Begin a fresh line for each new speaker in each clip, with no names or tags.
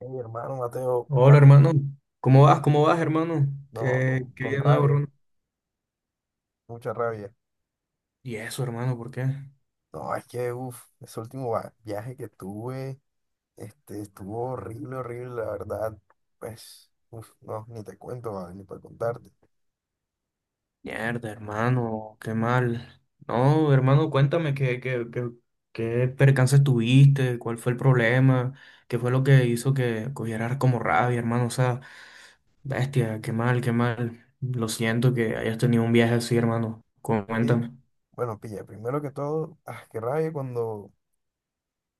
Mi hermano Mateo,
Hola hermano, ¿cómo vas? ¿Cómo vas hermano?
no,
¿Qué,
con,
qué hay
con
de nuevo
rabia,
hermano?
mucha rabia.
¿Y eso hermano? ¿Por qué?
No, es que, uff, ese último viaje que tuve, estuvo horrible, horrible, la verdad. Pues, uff, no, ni te cuento, va, ni para contarte.
Mierda hermano, qué mal. No hermano, cuéntame qué percances tuviste, cuál fue el problema, qué fue lo que hizo que cogieras como rabia hermano, o sea, bestia, qué mal, qué mal. Lo siento que hayas tenido un viaje así hermano,
Que,
cuéntame.
bueno, pilla, primero que todo, qué rabia cuando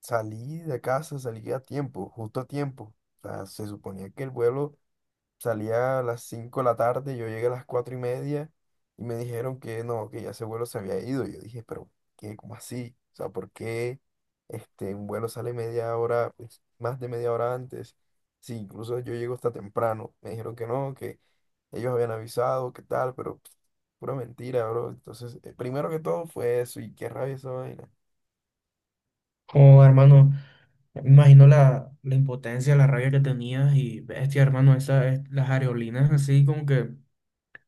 salí de casa, salí a tiempo, justo a tiempo. O sea, se suponía que el vuelo salía a las 5 de la tarde, yo llegué a las 4 y media y me dijeron que no, que ya ese vuelo se había ido. Yo dije, pero ¿qué? ¿Cómo así? O sea, ¿por qué un vuelo sale media hora, pues, más de media hora antes? Sí, incluso yo llego hasta temprano. Me dijeron que no, que ellos habían avisado, que tal, pero pff, pura mentira, bro. Entonces, primero que todo fue eso y qué rabia esa vaina.
Oh, hermano, me imagino la impotencia, la rabia que tenías y bestia, hermano, las areolinas así como que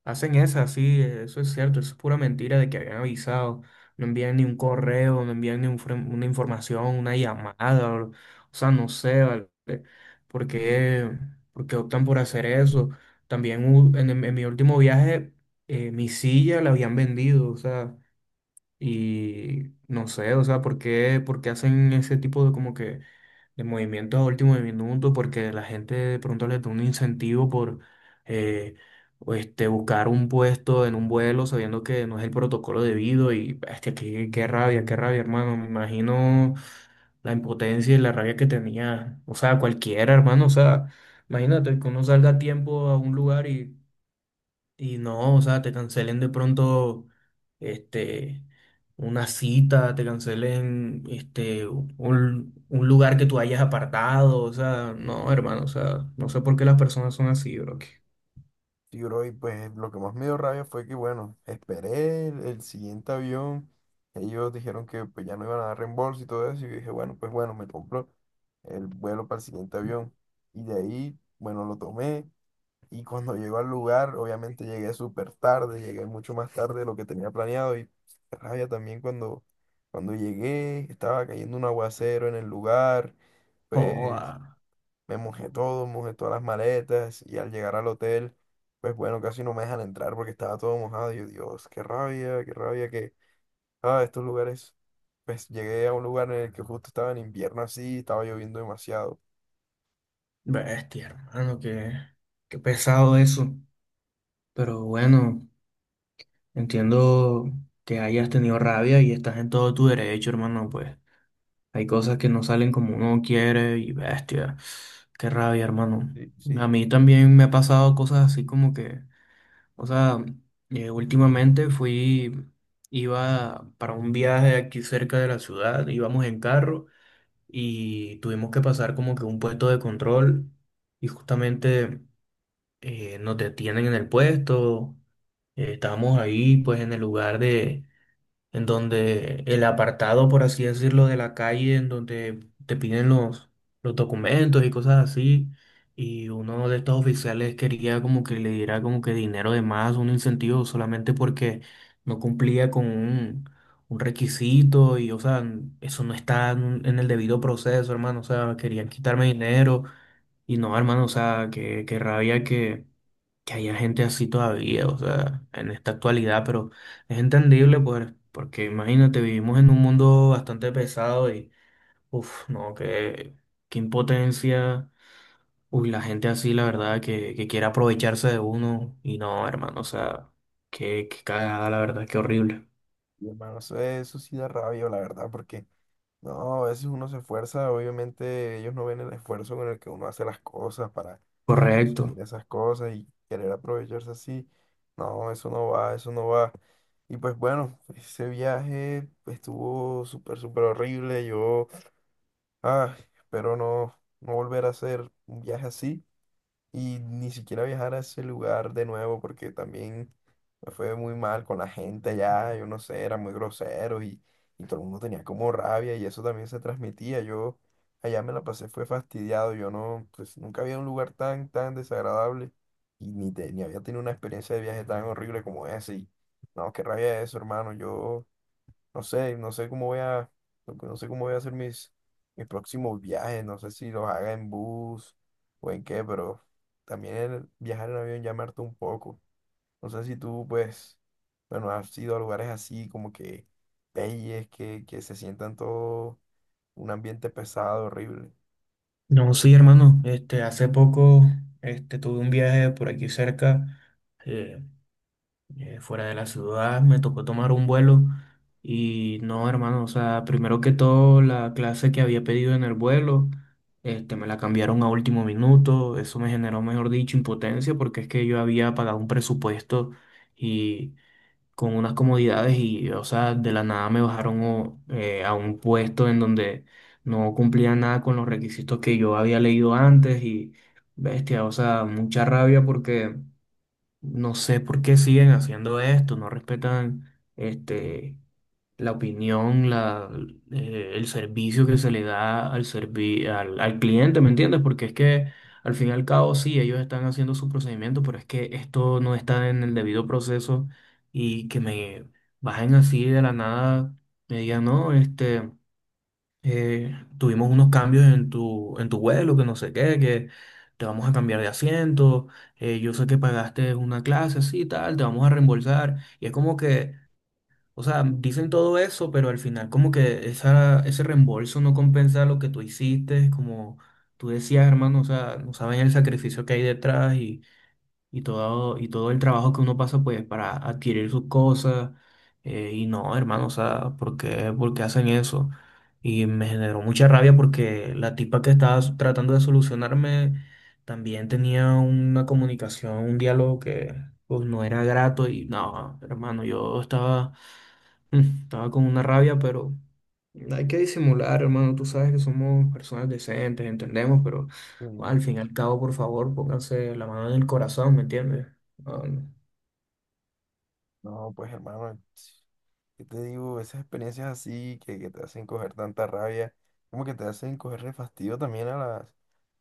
hacen esa, sí, eso es cierto, eso es pura mentira de que habían avisado. No envían ni un correo, no envían ni un una información, una llamada, o sea, no sé, ¿vale? ¿Por qué, por qué optan por hacer eso? También en mi último viaje, mi silla la habían vendido, o sea, y no sé, o sea, ¿por qué hacen ese tipo de como que de movimientos a último minuto? Porque la gente de pronto les da un incentivo por eh, o este, buscar un puesto en un vuelo sabiendo que no es el protocolo debido y bestia, qué rabia, qué rabia, hermano. Me imagino la impotencia y la rabia que tenía, o sea, cualquiera, hermano, o sea, imagínate que uno salga a tiempo a un lugar y no, o sea, te cancelen de pronto este, una cita, te cancelen un lugar que tú hayas apartado, o sea, no, hermano, o sea, no sé por qué las personas son así, bro.
Sí, bro, y pues lo que más me dio rabia fue que, bueno, esperé el siguiente avión. Ellos dijeron que pues, ya no iban a dar reembolso y todo eso. Y yo dije, bueno, pues bueno, me compro el vuelo para el siguiente avión. Y de ahí, bueno, lo tomé. Y cuando llego al lugar, obviamente llegué súper tarde, llegué mucho más tarde de lo que tenía planeado. Y qué rabia también cuando llegué, estaba cayendo un aguacero en el lugar. Pues
Joda,
me mojé todo, mojé todas las maletas y al llegar al hotel, pues bueno, casi no me dejan entrar porque estaba todo mojado. Y yo, Dios, qué rabia que, estos lugares, pues llegué a un lugar en el que justo estaba en invierno así, estaba lloviendo demasiado.
bestia, hermano, que qué pesado eso. Pero bueno, entiendo que hayas tenido rabia y estás en todo tu derecho, hermano, pues. Hay cosas que no salen como uno quiere y bestia. Qué rabia, hermano.
Sí.
A
Sí,
mí también me ha pasado cosas así como que, o sea, últimamente iba para un viaje aquí cerca de la ciudad, íbamos en carro y tuvimos que pasar como que un puesto de control y justamente nos detienen en el puesto. Estábamos ahí pues en el lugar de en donde el apartado, por así decirlo, de la calle, en donde te piden los documentos y cosas así, y uno de estos oficiales quería como que le diera como que dinero de más, un incentivo solamente porque no cumplía con un requisito y, o sea, eso no está en el debido proceso, hermano, o sea, querían quitarme dinero y no, hermano, o sea, que rabia que haya gente así todavía, o sea, en esta actualidad, pero es entendible, pues, porque imagínate, vivimos en un mundo bastante pesado y, uff, no, qué impotencia, uy, la gente así, la verdad, que quiere aprovecharse de uno y no, hermano, o sea, qué cagada, la verdad, qué horrible.
y hermano, eso sí da rabia, la verdad, porque no, a veces uno se esfuerza, obviamente ellos no ven el esfuerzo con el que uno hace las cosas para conseguir
Correcto.
esas cosas y querer aprovecharse así. No, eso no va, eso no va. Y pues bueno, ese viaje pues, estuvo súper, súper horrible. Yo, espero no, no volver a hacer un viaje así y ni siquiera viajar a ese lugar de nuevo porque también me fue muy mal con la gente allá, yo no sé, eran muy groseros y todo el mundo tenía como rabia y eso también se transmitía. Yo allá me la pasé, fue fastidiado, yo no, pues nunca había un lugar tan, tan desagradable y ni, ni había tenido una experiencia de viaje tan horrible como ese y no, qué rabia eso, hermano, yo... No sé, no sé cómo voy a, no sé cómo voy a hacer mis, mis próximos viajes, no sé si los haga en bus o en qué, pero también el viajar en avión ya me hartó un poco. No sé si tú, pues, bueno, has ido a lugares así como que peyes, que se sientan todo un ambiente pesado, horrible.
No, sí, hermano, hace poco, tuve un viaje por aquí cerca. eh, fuera de la ciudad, me tocó tomar un vuelo y no, hermano, o sea, primero que todo, la clase que había pedido en el vuelo, me la cambiaron a último minuto, eso me generó, mejor dicho, impotencia porque es que yo había pagado un presupuesto y con unas comodidades y, o sea, de la nada me bajaron a un puesto en donde no cumplía nada con los requisitos que yo había leído antes y, bestia, o sea, mucha rabia porque... No sé por qué siguen haciendo esto, no respetan la opinión, el servicio que se le da al cliente, ¿me entiendes? Porque es que al fin y al cabo sí, ellos están haciendo su procedimiento, pero es que esto no está en el debido proceso y que me bajen así de la nada, me digan, no, tuvimos unos cambios en tu vuelo, que no sé qué, que te vamos a cambiar de asiento, yo sé que pagaste una clase así y tal, te vamos a reembolsar. Y es como que, o sea, dicen todo eso, pero al final como que ese reembolso no compensa lo que tú hiciste, como tú decías, hermano, o sea, no saben el sacrificio que hay detrás y todo el trabajo que uno pasa pues para adquirir sus cosas. Y no, hermano, o sea, ¿por qué hacen eso? Y me generó mucha rabia porque la tipa que estaba tratando de solucionarme también tenía una comunicación, un diálogo que pues no era grato y no, hermano, yo estaba... Estaba con una rabia, pero hay que disimular, hermano. Tú sabes que somos personas decentes, entendemos, pero bueno,
Mm,
al fin y al cabo, por favor, pónganse la mano en el corazón, ¿me entiendes? Ah, no.
No, pues hermano, ¿qué te digo? Esas experiencias así que te hacen coger tanta rabia, como que te hacen cogerle fastidio también a las,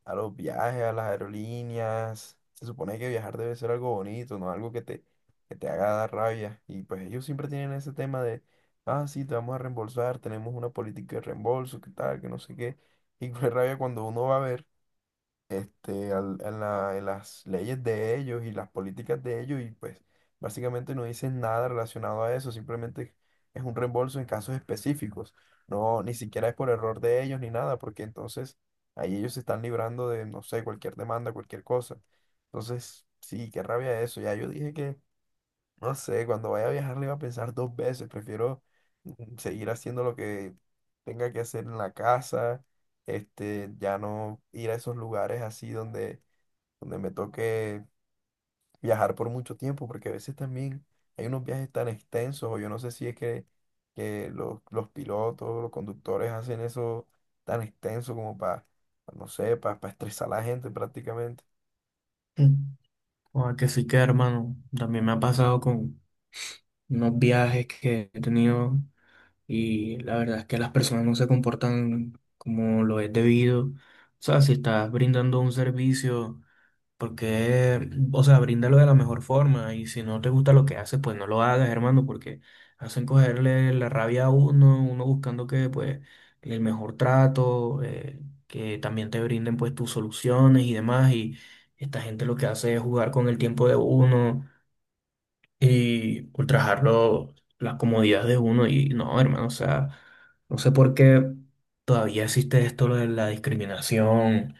a los viajes, a las aerolíneas. Se supone que viajar debe ser algo bonito, no algo que te haga dar rabia. Y pues ellos siempre tienen ese tema de, sí, te vamos a reembolsar, tenemos una política de reembolso, qué tal, que no sé qué. Y pues rabia cuando uno va a ver en las leyes de ellos y las políticas de ellos y pues básicamente no dicen nada relacionado a eso, simplemente es un reembolso en casos específicos, no, ni siquiera es por error de ellos ni nada, porque entonces ahí ellos se están librando de, no sé, cualquier demanda, cualquier cosa. Entonces, sí, qué rabia eso, ya yo dije que no sé, cuando vaya a viajar le iba a pensar dos veces. Prefiero seguir haciendo lo que tenga que hacer en la casa. Ya no ir a esos lugares así donde, donde me toque viajar por mucho tiempo, porque a veces también hay unos viajes tan extensos, o yo no sé si es que los pilotos, los conductores hacen eso tan extenso como para, no sé, para estresar a la gente prácticamente.
Mm. Ah, que sí que, hermano. También me ha pasado con unos viajes que he tenido y la verdad es que las personas no se comportan como lo es debido. O sea, si estás brindando un servicio. Porque, o sea, bríndalo de la mejor forma y si no te gusta lo que haces, pues no lo hagas, hermano, porque hacen cogerle la rabia a uno, uno buscando que, pues, el mejor trato, que también te brinden, pues, tus soluciones y demás. Y esta gente lo que hace es jugar con el tiempo de uno y ultrajarlo las comodidades de uno. Y no, hermano, o sea, no sé por qué todavía existe esto lo de la discriminación.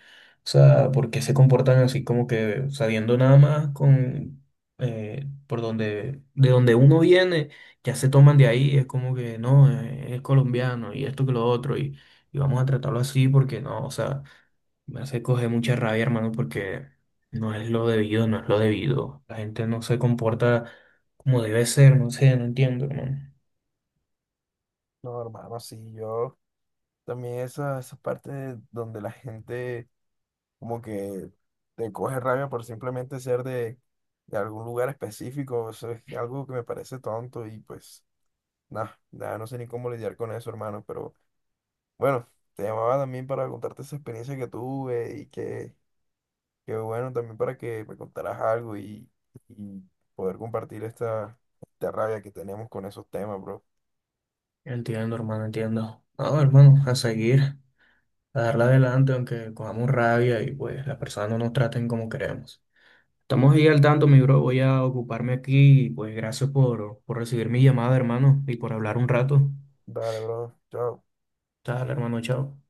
O sea, por qué se comportan así como que sabiendo nada más con de donde uno viene, ya se toman de ahí, es como que no, es colombiano y esto que lo otro, y, vamos a tratarlo así porque no, o sea, me hace coger mucha rabia, hermano, porque no es lo debido, no es lo debido. La gente no se comporta como debe ser, no sé, no entiendo, hermano.
No, hermano, sí, yo también esa parte donde la gente como que te coge rabia por simplemente ser de algún lugar específico, eso es algo que me parece tonto y pues nada, nada, no sé ni cómo lidiar con eso, hermano, pero bueno, te llamaba también para contarte esa experiencia que tuve y que bueno, también para que me contaras algo y poder compartir esta, esta rabia que tenemos con esos temas, bro.
Entiendo, hermano, entiendo. No, hermano, a seguir, a darle adelante, aunque cojamos rabia y pues las personas no nos traten como queremos. Estamos ahí al tanto, mi bro. Voy a ocuparme aquí y pues gracias por recibir mi llamada, hermano, y por hablar un rato.
Dale, bro, chao.
Dale, hermano, chao.